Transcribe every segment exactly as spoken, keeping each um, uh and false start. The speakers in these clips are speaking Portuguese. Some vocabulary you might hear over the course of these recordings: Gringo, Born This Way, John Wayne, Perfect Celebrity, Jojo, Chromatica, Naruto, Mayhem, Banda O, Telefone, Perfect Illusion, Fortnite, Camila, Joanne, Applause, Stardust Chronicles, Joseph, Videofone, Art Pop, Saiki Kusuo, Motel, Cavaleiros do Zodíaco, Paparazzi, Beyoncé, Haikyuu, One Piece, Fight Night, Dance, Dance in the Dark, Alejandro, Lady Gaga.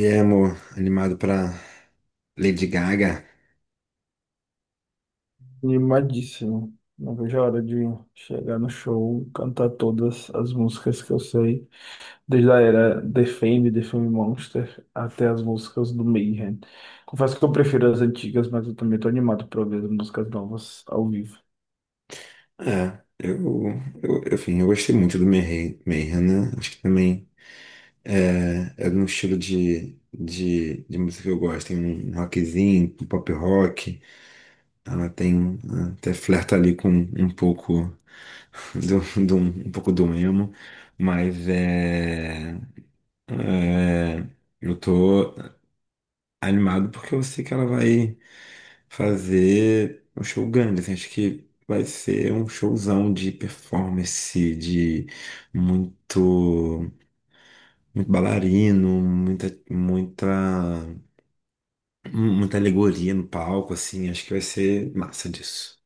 E é, amor, animado pra Lady Gaga. Animadíssimo. Não vejo a hora de chegar no show, cantar todas as músicas que eu sei, desde a era The Fame, The Fame Monster, até as músicas do Mayhem. Confesso que eu prefiro as antigas, mas eu também tô animado para ver as músicas novas ao vivo. É, eu, eu, eu, enfim, eu gostei muito do Mayhem, Mayhem, né? Acho que também é, é um estilo de, de, de música que eu gosto. Tem um rockzinho, um pop rock. Ela tem até flerta ali com um pouco do, do, um pouco do emo. Mas é, é, eu tô animado porque eu sei que ela vai fazer um show grande assim. Acho que vai ser um showzão de performance, de muito, muito bailarino, muita, muita, muita alegoria no palco, assim. Acho que vai ser massa disso.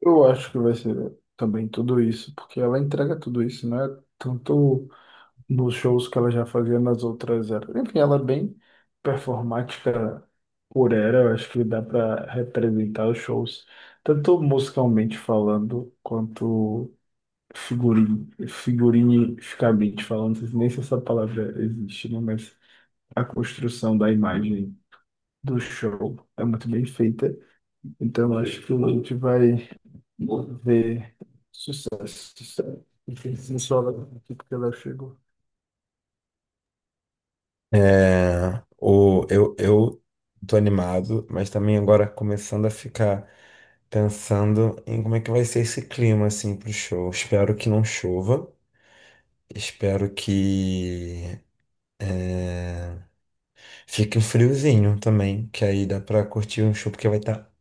Eu acho que vai ser também tudo isso, porque ela entrega tudo isso, né? Tanto nos shows que ela já fazia nas outras eras. Enfim, ela é bem performática por era, eu acho que dá para representar os shows, tanto musicalmente falando, quanto figurin figurinisticamente falando, nem se essa palavra existe, né? Mas a construção da imagem do show é muito bem feita, então eu acho que a gente vai ver sucesso. Enfim, sim, só ela aqui porque ela chegou. É, o, eu, eu tô animado, mas também agora começando a ficar pensando em como é que vai ser esse clima, assim, pro show. Espero que não chova. Espero que eh, fique um friozinho também, que aí dá pra curtir um show, porque vai estar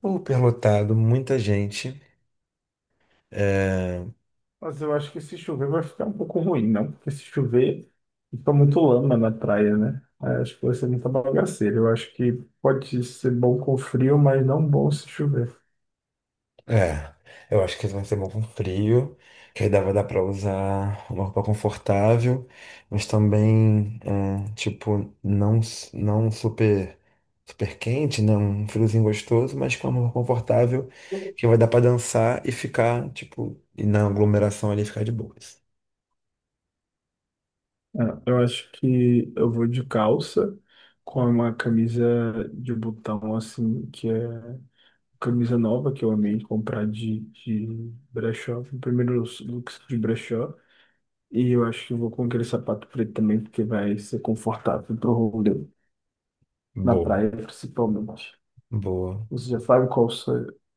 super lotado, muita gente. É, Mas eu acho que se chover vai ficar um pouco ruim, não? Porque se chover, fica muito lama na praia, né? Aí acho que vai ser muita bagaceira. Eu acho que pode ser bom com frio, mas não bom se chover. é, eu acho que vai ser bom com frio, que aí dá, vai dar pra usar uma roupa confortável, mas também, é, tipo, não, s- não super, super quente, né? Um friozinho gostoso, mas com uma roupa confortável, que vai dar pra dançar e ficar, tipo, e na aglomeração ali ficar de boas. Ah, eu acho que eu vou de calça, com uma camisa de botão, assim, que é camisa nova, que eu amei comprar de, de brechó, foi o primeiro looks de brechó. E eu acho que eu vou com aquele sapato preto também, porque vai ser confortável pro rolê, na Boa. praia principalmente. Boa. Você já sabe qual se-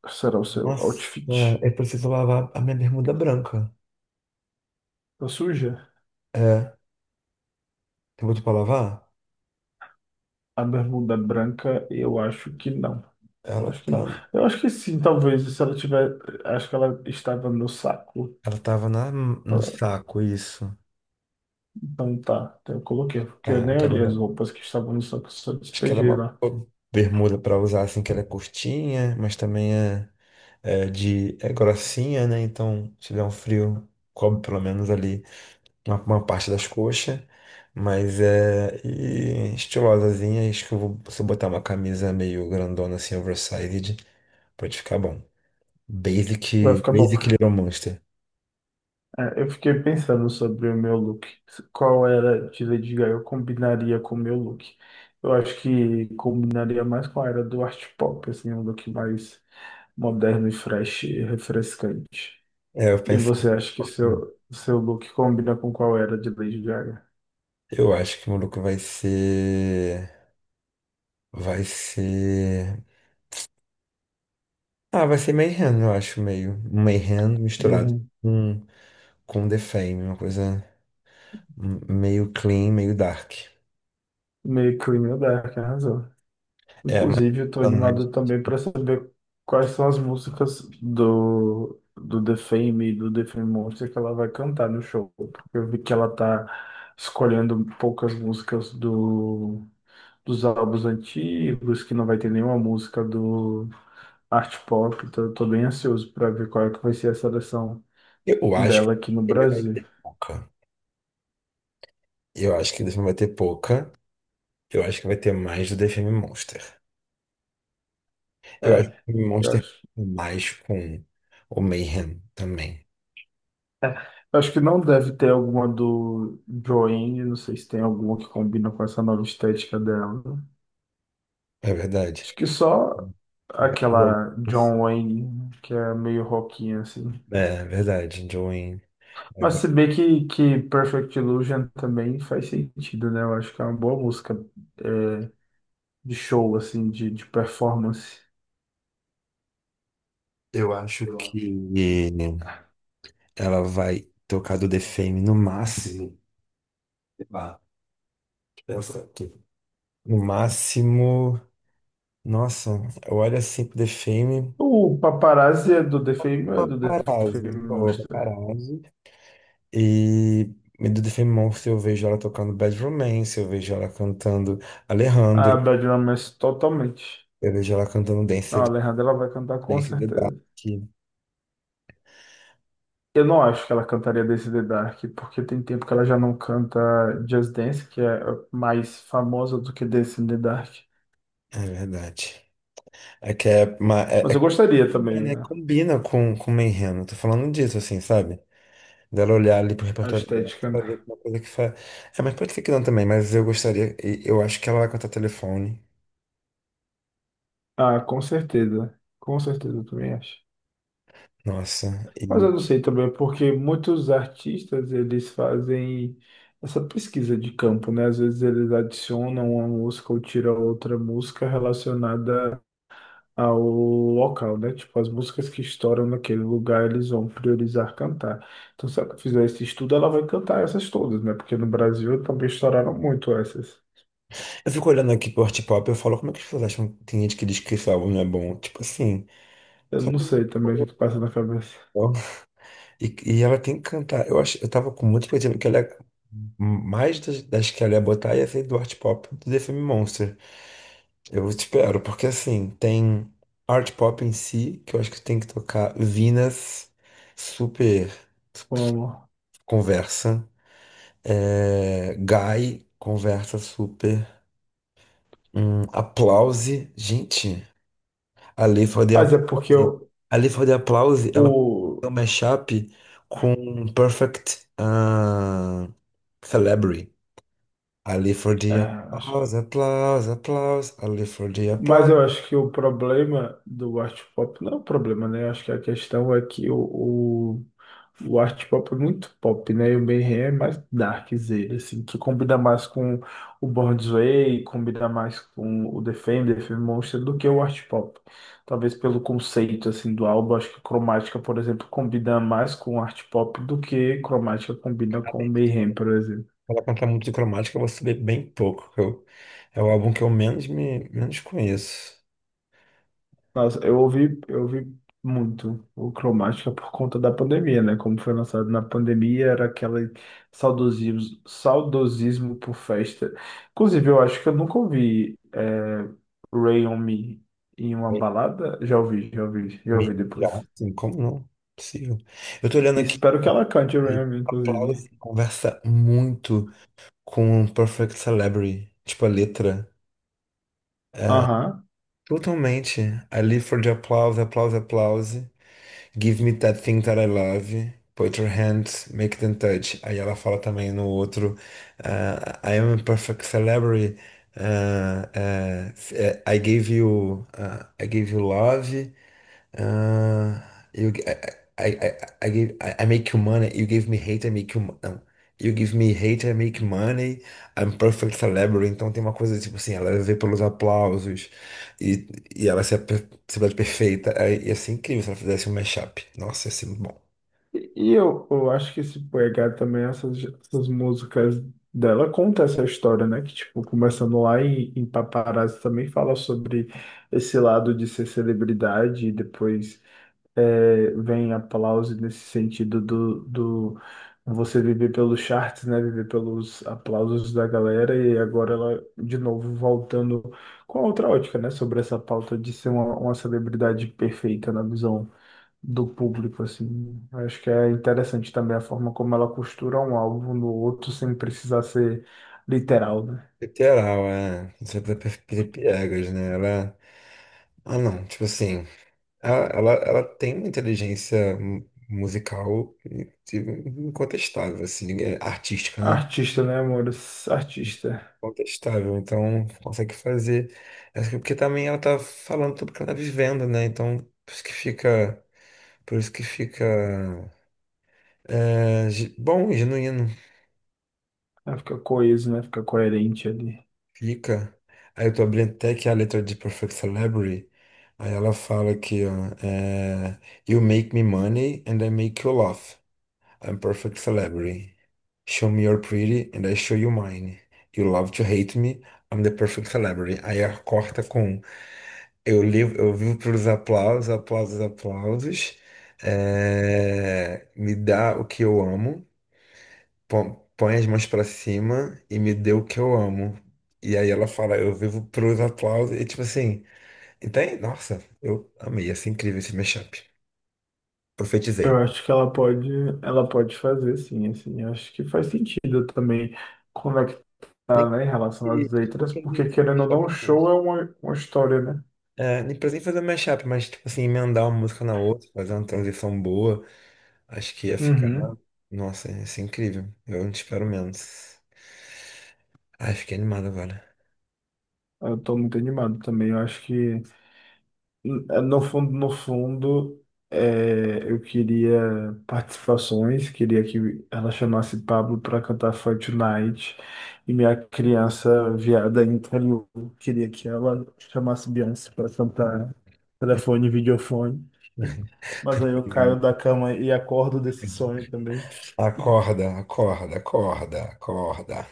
será o seu Nossa, outfit? é, eu preciso lavar a minha bermuda branca. Tá suja? É, tem botou pra lavar? A bermuda branca, eu acho que não. Eu Ela acho que tá, não. então Eu acho que sim, talvez. Se ela tiver. Acho que ela estava no saco. ela tava na, no Ah, saco, isso. então tá. Então eu coloquei, porque eu Tá, eu nem quero olhei as lavar. roupas que estavam no saco, só Acho que ela é despejei uma lá. boa bermuda pra usar, assim, que ela é curtinha, mas também é, é de, é grossinha, né? Então, se der um frio, cobre pelo menos ali uma, uma parte das coxas. Mas é e estilosazinha, acho que eu vou, se eu botar uma camisa meio grandona assim, oversized, pode ficar bom. Vai Basic, ficar bom. Basic Little Monster. É, eu fiquei pensando sobre o meu look. Qual era de Lady Gaga eu combinaria com o meu look? Eu acho que combinaria mais com a era do art pop, assim, um look mais moderno e fresh e refrescante. É, eu E pensei. você acha que seu, seu look combina com qual era de Lady Gaga? Eu acho que o maluco vai ser. Vai ser. Ah, vai ser Mayhem, eu acho, meio. Um Mayhem misturado Meio, com, com The Fame, uma coisa meio clean, meio dark. meio Clean and Dark, arrasou. Inclusive, eu tô Tá no animado Netflix. também para saber quais são as músicas do, do The Fame e do The Fame Monster que ela vai cantar no show, porque eu vi que ela tá escolhendo poucas músicas do dos álbuns antigos, que não vai ter nenhuma música do Art Pop, então eu tô bem ansioso pra ver qual é que vai ser a seleção Eu acho que dela aqui no The Fame vai Brasil. ter pouca. Eu acho que The Fame vai ter pouca. Eu acho que vai ter mais do The Fame Monster. Eu acho É, que o eu Monster acho. mais com o Mayhem também. é, eu acho que não deve ter alguma do Joanne, não sei se tem alguma que combina com essa nova estética dela. É verdade. Acho que só aquela John Wayne, que é meio rockinha assim. É, verdade, Joanne. Mas se bem que, que Perfect Illusion também faz sentido, né? Eu acho que é uma boa música é, de show, assim, de, de performance. Eu acho Eu acho. que ela vai tocar do The Fame no máximo. Sei lá, deixa eu pensar aqui. No máximo. Nossa, eu olho assim pro The Fame. O Paparazzi é do The Fame, é do The Paparazzi, né? Fame Boa, Monster. paparazzi. E do The Fame Monster eu vejo ela tocando Bad Romance, eu vejo ela cantando Alejandro, A Bad Romance totalmente. eu vejo ela cantando Não, Dance, a Alejandra ela vai cantar com Dance in the Dark. certeza. Eu não acho que ela cantaria Dance in the Dark, porque tem tempo que ela já não canta Just Dance, que é mais famosa do que Dance in the Dark. É verdade. É que é, ma- é, Mas eu é gostaria combina, também, né? né? Combina com, com o Menreno. Tô falando disso, assim, sabe? Dela olhar ali pro A repertório dela, estética, né? fazer uma coisa que faz. É, mas pode ser que não também, mas eu gostaria. E eu acho que ela vai cantar telefone. Ah, com certeza. Com certeza, eu também acho. Nossa. E Mas eu não sei também, porque muitos artistas eles fazem essa pesquisa de campo, né? Às vezes eles adicionam uma música ou tiram outra música relacionada ao local, né? Tipo, as músicas que estouram naquele lugar, eles vão priorizar cantar. Então, se ela fizer esse estudo, ela vai cantar essas todas, né? Porque no Brasil também estouraram muito essas. eu fico olhando aqui pro Art Pop e eu falo, como é que as pessoas acham que tem gente que diz que esse álbum não é bom? Tipo assim, Eu só não tem música sei também o que que passa na cabeça. boa, então. E, e ela tem que cantar. Eu acho, eu tava com muita expectativa que ela ia- mais das, das que ela ia botar ia ser do Art Pop do The Fame Monster. Eu espero, porque assim, tem art pop em si, que eu acho que tem que tocar Venus, super Como... conversa. É, Guy, conversa super. Hum, Applause, gente, a Lei for the Mas é porque Applause, o, a Lei for the Applause, ela o- tem um mashup com Perfect ah, Celebrity. A Lei for é, the acho. Applause, Applause, Applause, a Lei for the Mas eu acho que o problema do art pop não é o problema, né? Eu acho que a questão é que o, o, o art pop é muito pop, né? E o Mayhem é mais darkzera, assim, que combina mais com o Born This Way, combina mais com o The Fame, The Fame Monster, do que o art pop. Talvez pelo conceito, assim, do álbum, acho que Chromatica, por exemplo, combina mais com o art pop do que Chromatica combina com o Applause. Mayhem, por exemplo. Ela cantar muito de cromática, eu vou saber bem pouco. Que Eu, é o álbum que eu menos me menos conheço. Nossa, eu ouvi, eu ouvi muito o Cromática por conta da pandemia, né? Como foi lançado na pandemia, era aquele saudosismo, saudosismo por festa. Inclusive, eu acho que eu nunca ouvi é, Ray on Me em uma Me, balada. Já ouvi, já ouvi, já me- ouvi Já, depois. assim, como não? Possível. Eu tô olhando E aqui, espero que ela cante Ray e on Me, inclusive. aplauso conversa muito com Perfect Celebrity. Tipo, a letra. Aham. Totalmente. I live for the applause, applause, applause. Give me that thing that I love. Put your hands, make them touch. Aí ela fala também no outro, ah, I am a perfect celebrity. ah, ah, eh, I gave you, ah, I gave you love. Uh, you, g- I, I, I, I give, I, I make you money. You give me hate, I make you. Mo- Não. You give me hate, I make money. I'm perfect celebrity. Então tem uma coisa tipo assim, ela é vê pelos aplausos e, e ela se ape- se vê perfeita. Aí ia ser incrível se ela fizesse um mashup. Nossa, ia ser muito bom. E e eu, eu acho que esse P H também, essas, essas músicas dela conta essa história, né? Que, tipo, começando lá em, em Paparazzi também fala sobre esse lado de ser celebridade e depois é, vem aplauso nesse sentido do, do você viver pelos charts, né? Viver pelos aplausos da galera e agora ela, de novo, voltando com a outra ótica, né? Sobre essa pauta de ser uma, uma celebridade perfeita na visão do público, assim. Acho que é interessante também a forma como ela costura um álbum no outro sem precisar ser literal, né? Literal, é. Não sei pra pra- pra piegas, né? Ela. Ah, não. Tipo assim, ela, ela, ela tem uma inteligência mu- musical in- incontestável, assim, ninguém- artística, né? Artista, né, amores? Artista. Contestável, então consegue fazer. Acho que porque também ela tá falando tudo que ela tá vivendo, né? Então, por isso que fica, por isso que fica é, ge- bom, e genuíno, Ela fica coeso, né? Fica coerente ali. fica. Aí eu tô abrindo até aqui a letra de Perfect Celebrity. Aí ela fala aqui, ó, é, you make me money and I make you laugh. I'm perfect celebrity. Show me your pretty and I show you mine. You love to hate me, I'm the perfect celebrity. Aí ela corta com eu, li, eu vivo para os aplausos, aplausos, aplausos. É, me dá o que eu amo, põe, põe as mãos para cima e me dê o que eu amo. E aí ela fala, eu vivo para os aplausos. E tipo assim, então, nossa, eu amei, assim, incrível esse mashup. Eu Profetizei. acho que ela pode, ela pode fazer, sim, assim. Eu acho que faz sentido também Nem conectar, né, em relação que, às tipo, letras, produzir porque isso no querendo ou não, o mashup, show mas... é uma, uma história, né? É, nem precisei fazer mashup, mas, tipo assim, emendar uma música na outra, fazer uma transição boa, acho que ia ficar... Uhum. Nossa, ia ser incrível. Eu não espero menos. Ai, fiquei animado agora. Eu tô muito animado também. Eu acho que no fundo, no fundo, é, eu queria participações, queria que ela chamasse Pablo para cantar Fight Night, e minha criança viada interior queria que ela chamasse Beyoncé para cantar telefone, e videofone. Mas aí eu Obrigado. caio da cama e acordo desse sonho também. Acorda, acorda, acorda, acorda.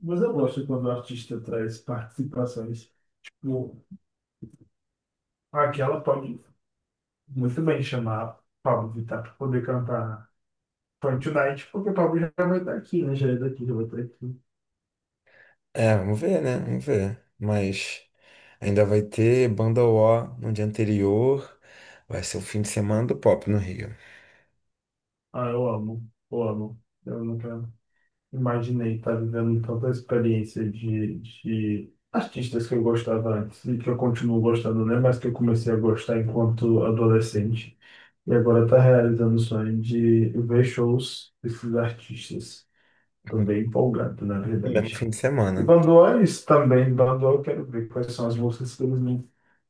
Mas eu gosto quando o artista traz participações. Tipo, aquela pode muito bem chamar Pablo Vittar para poder cantar Fortnite, porque o Pablo já vai estar aqui, né? Já é daqui, já vai estar aqui. É, vamos ver, né? Vamos ver. Mas ainda vai ter Banda O no dia anterior. Vai ser o fim de semana do pop no Rio. Ah, eu amo, eu amo. Eu nunca imaginei estar vivendo tanta experiência de, de artistas que eu gostava antes e que eu continuo gostando, né? Mas que eu comecei a gostar enquanto adolescente. E agora tá realizando o sonho de ver shows desses artistas. Tô bem empolgado, na O mesmo fim verdade. de E semana. Bandoa é isso também. Bandoa eu quero ver quais são as músicas que eles vão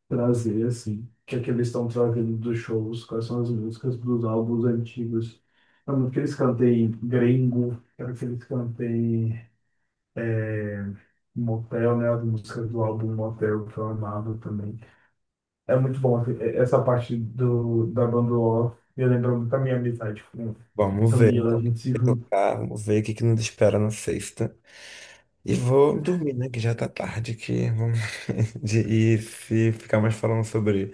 trazer, assim, o que é que eles estão trazendo dos shows, quais são as músicas dos álbuns antigos. É muito que eles cantem Gringo, quero que eles cantem Motel, né, as músicas do álbum Motel, que eu amava também. É muito bom assim, e- essa parte do, da banda O, me lembra muito da minha amizade com Vamos ver, Camila, então, a o que gente que se vai junta. tocar. Vamos ver o que que nos espera na sexta. E vou dormir, né? Que já tá tarde aqui. Vamos... de- E se ficar mais falando sobre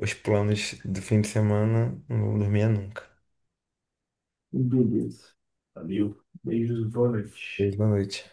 os planos do fim de semana, não vou dormir nunca. Beleza. Valeu. Beijos, boa noite. Beijo, boa noite.